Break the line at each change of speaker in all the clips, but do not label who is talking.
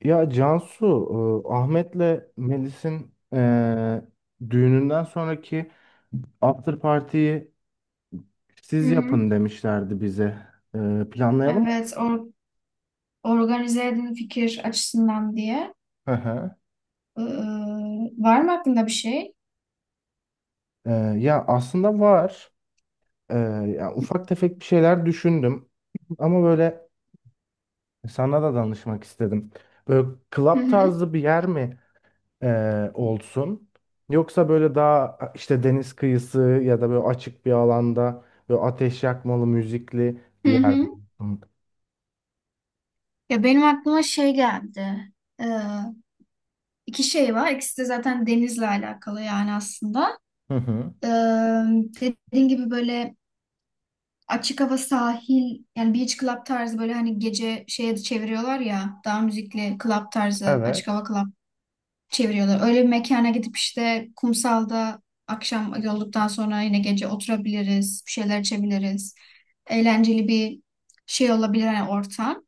Ya Cansu, Ahmet'le Melis'in düğününden sonraki after party'yi
Hı
siz yapın
hı.
demişlerdi bize. Planlayalım mı?
Evet, organize edin fikir açısından diye.
Hı hı.
Ee, Var mı aklında bir şey?
E, Ya aslında var. E, Ya ufak tefek bir şeyler düşündüm. Ama böyle sana da danışmak istedim. Böyle
Hı
club
hı.
tarzı bir yer mi olsun. Yoksa böyle daha işte deniz kıyısı ya da böyle açık bir alanda böyle ateş yakmalı müzikli
Hı
bir yer
hı.
olsun.
Ya benim aklıma şey geldi. Ee, iki şey var. İkisi de zaten denizle alakalı yani aslında.
Hı hı.
Ee, Dediğin gibi böyle açık hava sahil yani beach club tarzı böyle hani gece şeye de çeviriyorlar ya daha müzikli club tarzı açık hava
Evet.
club çeviriyorlar. Öyle bir mekana gidip işte kumsalda akşam yolduktan sonra yine gece oturabiliriz, bir şeyler içebiliriz. Eğlenceli bir şey olabilir hani ortam.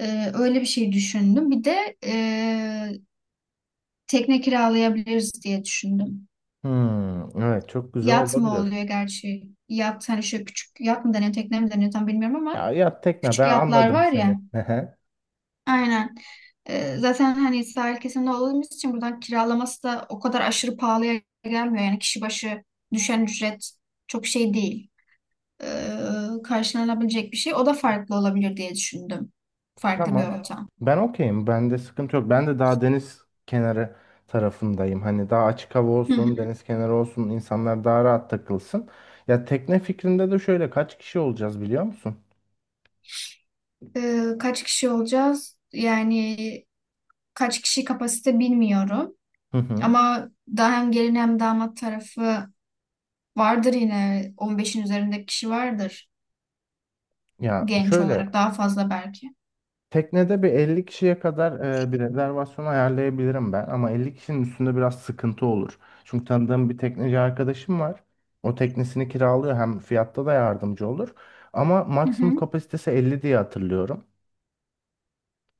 Öyle bir şey düşündüm. Bir de tekne kiralayabiliriz diye düşündüm.
Hmm, evet çok güzel
Yat mı
olabilir.
oluyor gerçi? Yat hani şöyle küçük yat mı deniyor, tekne mi deniyor tam bilmiyorum ama
Ya ya tekne,
küçük
ben
yatlar
anladım
var
seni.
ya.
Hı hı.
Aynen. Zaten hani sahil kesiminde olduğumuz için buradan kiralaması da o kadar aşırı pahalıya gelmiyor. Yani kişi başı düşen ücret çok şey değil. Ee, Karşılanabilecek bir şey. O da farklı olabilir diye düşündüm. Farklı bir
Tamam. Ya.
ortam.
Ben okeyim. Bende sıkıntı yok. Ben de daha deniz kenarı tarafındayım. Hani daha açık hava
Hı hı.
olsun, deniz kenarı olsun, insanlar daha rahat takılsın. Ya tekne fikrinde de şöyle, kaç kişi olacağız biliyor musun?
Kaç kişi olacağız? Yani kaç kişi kapasite bilmiyorum.
Hı hı.
Ama daha hem gelin hem damat tarafı vardır yine. 15'in üzerinde kişi vardır
Ya
genç olarak.
şöyle,
Daha fazla belki.
teknede bir 50 kişiye kadar bir rezervasyon ayarlayabilirim ben, ama 50 kişinin üstünde biraz sıkıntı olur. Çünkü tanıdığım bir tekneci arkadaşım var. O teknesini kiralıyor, hem fiyatta da yardımcı olur. Ama
Hı hı.
maksimum kapasitesi 50 diye hatırlıyorum.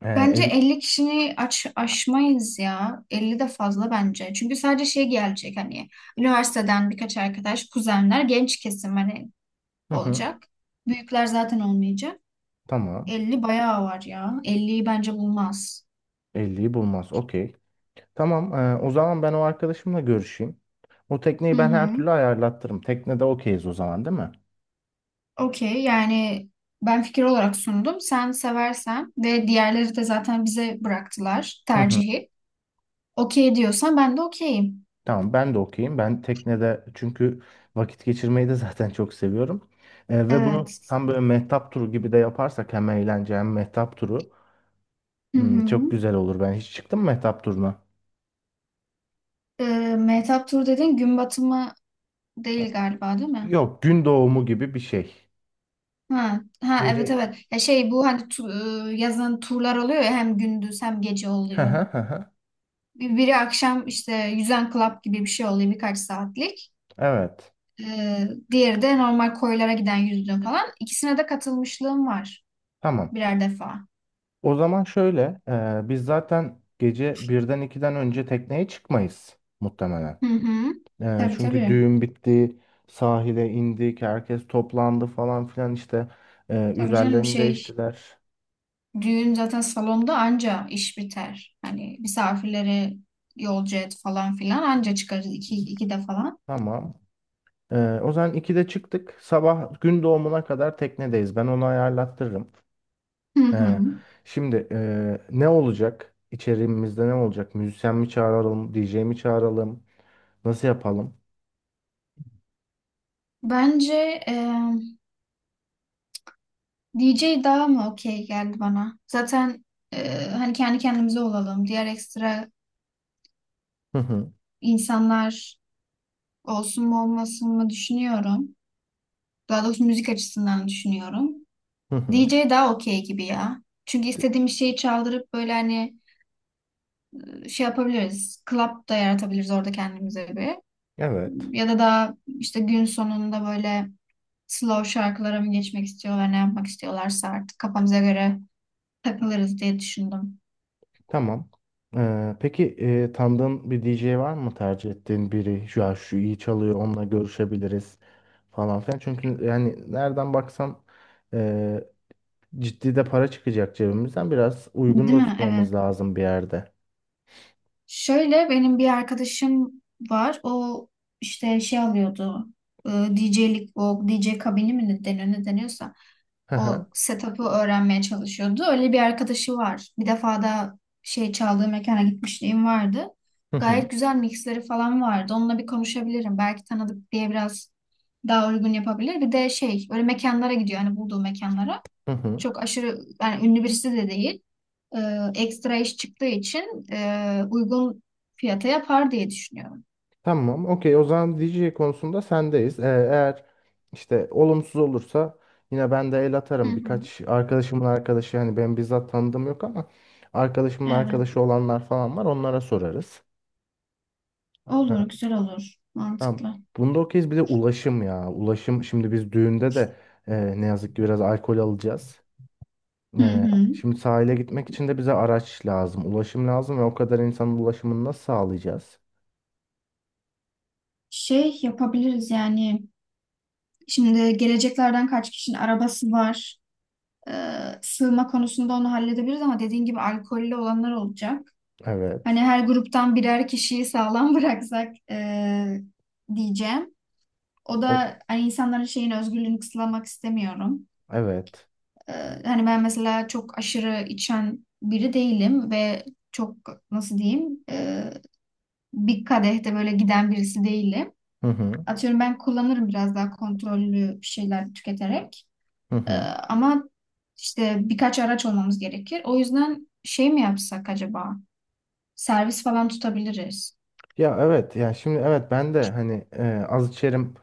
Bence
50...
elli kişini aç, aşmayız ya. Elli de fazla bence. Çünkü sadece şey gelecek hani üniversiteden birkaç arkadaş, kuzenler, genç kesim hani
Hı hı,
olacak. Büyükler zaten olmayacak.
tamam.
50 bayağı var ya. 50'yi bence bulmaz.
Elliyi bulmaz. Okey. Tamam. O zaman ben o arkadaşımla görüşeyim. O
Hı
tekneyi ben her
hı.
türlü ayarlattırım. Teknede okeyiz o zaman, değil mi?
Okey yani ben fikir olarak sundum. Sen seversen ve diğerleri de zaten bize bıraktılar
Hı hı.
tercihi. Okey diyorsan ben de okeyim.
Tamam, ben de okeyim. Ben teknede çünkü vakit geçirmeyi de zaten çok seviyorum. Ve bunu
Evet.
tam böyle mehtap turu gibi de yaparsak hem eğlence hem mehtap turu
Hı
hmm, çok
hı.
güzel olur. Ben hiç çıktım mı mehtap turuna?
Mehtap Tur dedin gün batımı değil galiba değil mi?
Yok, gün doğumu gibi bir şey.
Ha, ha evet
Gece.
evet. Ya şey bu hani yazın turlar oluyor ya hem gündüz hem gece
Hı
oluyor.
hı hı hı.
Biri akşam işte yüzen club gibi bir şey oluyor birkaç saatlik.
Evet.
Diğeri de normal koylara giden yüzdüğüm falan. İkisine de katılmışlığım var
Tamam.
birer defa.
O zaman şöyle, biz zaten gece birden 2'den önce tekneye çıkmayız muhtemelen.
Hı hı. Tabii
Çünkü
tabii.
düğün bitti, sahile indik, herkes toplandı falan filan işte.
Tabii canım
Üzerlerini
şey
değiştiler.
düğün zaten salonda anca iş biter. Hani misafirleri yolcu et falan filan anca çıkarız iki,
İki.
iki de falan.
Tamam. Ee, O zaman 2'de çıktık. Sabah gün doğumuna kadar teknedeyiz. Ben onu ayarlattırırım.
Hı hı.
Ee, Şimdi ne olacak? İçeriğimizde ne olacak? Müzisyen mi çağıralım? DJ mi çağıralım? Nasıl yapalım?
Bence DJ daha mı okey geldi bana? Zaten hani kendi kendimize olalım. Diğer ekstra
Hı hı,
insanlar olsun mu olmasın mı düşünüyorum. Daha doğrusu müzik açısından düşünüyorum.
hı hı.
DJ daha okey gibi ya. Çünkü
T-
istediğimiz şeyi çaldırıp böyle hani şey yapabiliriz. Club da yaratabiliriz orada kendimize bir.
Evet.
Ya da daha işte gün sonunda böyle slow şarkılara mı geçmek istiyorlar, ne yapmak istiyorlarsa artık kafamıza göre takılırız diye düşündüm.
Tamam. Peki tanıdığın bir DJ var mı, tercih ettiğin biri? Şu an şu iyi çalıyor, onunla görüşebiliriz falan filan. Çünkü yani nereden baksan ciddi de para çıkacak cebimizden, biraz uygun
Değil
da
mi?
tutmamız
Evet.
lazım bir yerde.
Şöyle benim bir arkadaşım var. O işte şey alıyordu. e, DJ'lik o DJ kabini mi ne deniyor ne deniyorsa
Hı
o
hı,
setup'ı öğrenmeye çalışıyordu. Öyle bir arkadaşı var. Bir defa da şey çaldığı mekana gitmişliğim vardı.
hı hı,
Gayet güzel mixleri falan vardı. Onunla bir konuşabilirim. Belki tanıdık diye biraz daha uygun yapabilir. Bir de şey öyle mekanlara gidiyor. Hani bulduğu mekanlara
hı hı.
çok aşırı yani ünlü birisi de değil. Ee, Ekstra iş çıktığı için uygun fiyata yapar diye düşünüyorum.
Tamam, okey. O zaman DJ konusunda sendeyiz. Eğer işte olumsuz olursa yine ben de el
Hı
atarım.
hı.
Birkaç arkadaşımın arkadaşı, hani ben bizzat tanıdığım yok ama arkadaşımın
Evet.
arkadaşı olanlar falan var. Onlara sorarız. Hı.
Olur, güzel olur.
Tamam.
Mantıklı.
Bunda okeyiz. Bir de ulaşım ya. Ulaşım, şimdi biz düğünde de ne yazık ki biraz alkol alacağız.
Hı hı.
Şimdi sahile gitmek için de bize araç lazım, ulaşım lazım ve o kadar insanın ulaşımını nasıl sağlayacağız?
Şey yapabiliriz yani. Şimdi geleceklerden kaç kişinin arabası var. Sığma konusunda onu halledebiliriz ama dediğin gibi alkollü olanlar olacak. Hani
Evet.
her gruptan birer kişiyi sağlam bıraksak diyeceğim. O
O,
da hani insanların şeyin özgürlüğünü kısıtlamak istemiyorum.
evet.
Ee, Hani ben mesela çok aşırı içen biri değilim ve çok nasıl diyeyim bir kadehte böyle giden birisi değilim.
Hı hı.
Atıyorum ben kullanırım biraz daha kontrollü bir şeyler tüketerek.
Hı
Ee,
hı.
Ama işte birkaç araç olmamız gerekir. O yüzden şey mi yapsak acaba? Servis falan tutabiliriz.
Ya evet, ya şimdi evet, ben de hani az içerim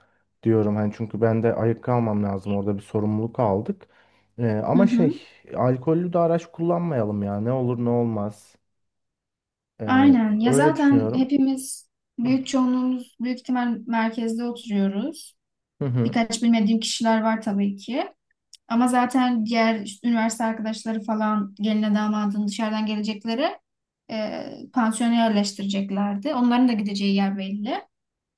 diyorum, hani çünkü ben de ayık kalmam lazım, orada bir sorumluluk aldık.
Hı
Ama
hı.
şey, alkollü de araç kullanmayalım ya, ne olur ne olmaz. E,
Aynen. Ya
Öyle
zaten
düşünüyorum.
hepimiz büyük çoğunluğumuz büyük ihtimal merkezde oturuyoruz.
Hı hı.
Birkaç bilmediğim kişiler var tabii ki. Ama zaten diğer işte üniversite arkadaşları falan geline damadın dışarıdan gelecekleri pansiyona yerleştireceklerdi. Onların da gideceği yer belli.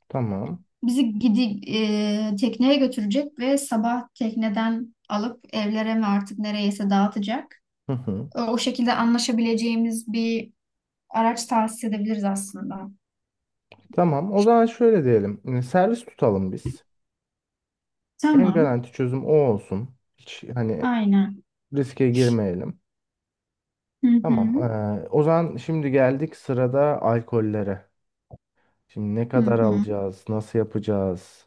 Tamam.
Bizi tekneye götürecek ve sabah tekneden alıp evlere mi artık nereyese dağıtacak.
Hı hı.
O şekilde anlaşabileceğimiz bir araç tahsis edebiliriz aslında.
Tamam. O zaman şöyle diyelim. Servis tutalım biz. En
Tamam,
garanti çözüm o olsun. Hiç hani
aynen.
riske girmeyelim.
Hı
Tamam.
hı,
O zaman şimdi geldik sırada alkollere. Şimdi ne
hı
kadar
hı.
alacağız? Nasıl yapacağız?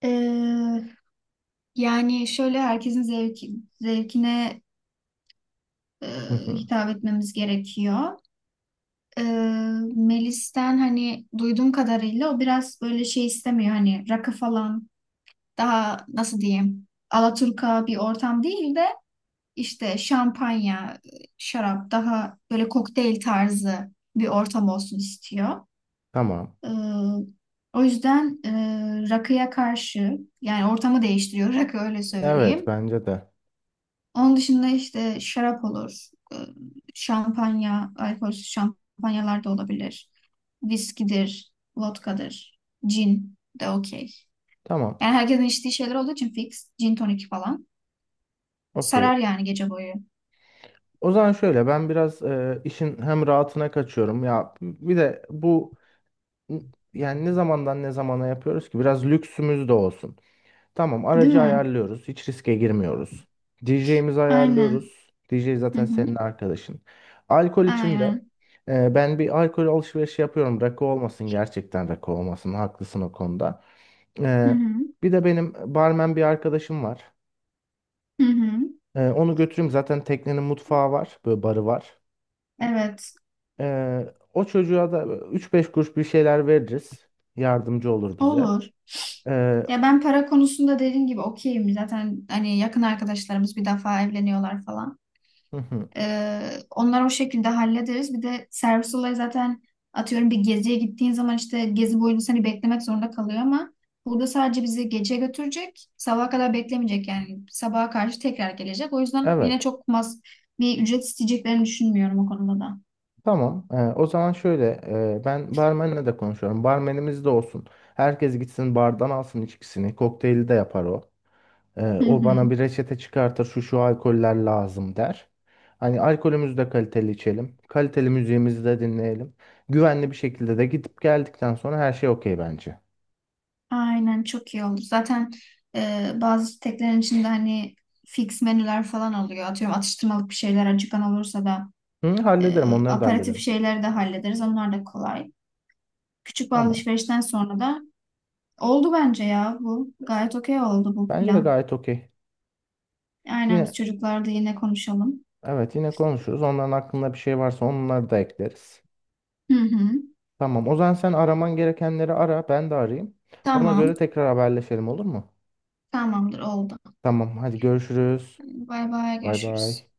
E, Yani şöyle zevkine e,
Hı hı.
hitap etmemiz gerekiyor. E, Melis'ten hani duyduğum kadarıyla o biraz böyle şey istemiyor hani rakı falan daha nasıl diyeyim Alaturka bir ortam değil de işte şampanya, şarap daha böyle kokteyl tarzı bir ortam olsun istiyor.
Tamam.
E, O yüzden rakıya karşı yani ortamı değiştiriyor rakı öyle
Evet,
söyleyeyim.
bence de.
Onun dışında işte şarap olur, şampanya, alkolsüz şampanyalar da olabilir. Viskidir, vodkadır, cin de okey.
Tamam.
Yani herkesin içtiği şeyler olduğu için fix, cin tonik falan. Sarar
Okey.
yani gece boyu.
O zaman şöyle, ben biraz işin hem rahatına kaçıyorum. Ya bir de bu, yani ne zamandan ne zamana yapıyoruz ki? Biraz lüksümüz de olsun. Tamam,
Değil
aracı
mi?
ayarlıyoruz. Hiç riske girmiyoruz. DJ'mizi
Aynen.
ayarlıyoruz. DJ
Hı
zaten senin
hı.
arkadaşın. Alkol için de
Aynen.
ben bir alkol alışverişi yapıyorum. Rakı olmasın, gerçekten rakı olmasın. Haklısın o konuda.
Hı
E,
hı.
Bir de benim barmen bir arkadaşım var.
Hı hı.
Onu götüreyim. Zaten teknenin mutfağı var. Böyle barı var.
Evet.
O çocuğa da üç beş kuruş bir şeyler veririz. Yardımcı olur bize.
Olur.
E,
Ya ben para konusunda dediğim gibi okeyim. Zaten hani yakın arkadaşlarımız bir defa evleniyorlar falan.
hı hı,
Onları o şekilde hallederiz. Bir de servis olayı zaten atıyorum bir geziye gittiğin zaman işte gezi boyunca seni beklemek zorunda kalıyor ama burada sadece bizi gece götürecek. Sabaha kadar beklemeyecek yani. Sabaha karşı tekrar gelecek. O yüzden yine
evet.
çok mas bir ücret isteyeceklerini düşünmüyorum o konuda da.
Tamam. O zaman şöyle, ben barmenle de konuşuyorum. Barmenimiz de olsun. Herkes gitsin bardan alsın içkisini. Kokteyli de yapar o.
Hı
O
hı.
bana bir reçete çıkartır. Şu şu alkoller lazım der. Hani alkolümüzü de kaliteli içelim. Kaliteli müziğimizi de dinleyelim. Güvenli bir şekilde de gidip geldikten sonra her şey okey bence.
Aynen çok iyi oldu. Zaten bazı sitelerin içinde hani fix menüler falan oluyor. Atıyorum atıştırmalık bir şeyler acıkan olursa da
Hı,
e,
hallederim, onları da
aperatif
hallederim.
şeyleri de hallederiz. Onlar da kolay. Küçük bir
Tamam.
alışverişten sonra da oldu bence ya bu. Gayet okey oldu bu
Bence de
plan.
gayet okey.
Aynen biz
Yine
çocuklarda yine konuşalım.
evet, yine konuşuruz. Onların aklında bir şey varsa onları da ekleriz.
Hı hı.
Tamam. O zaman sen araman gerekenleri ara. Ben de arayayım. Ona
Tamam.
göre tekrar haberleşelim, olur mu?
Tamamdır oldu.
Tamam. Hadi görüşürüz.
Bay bay
Bay
görüşürüz.
bay.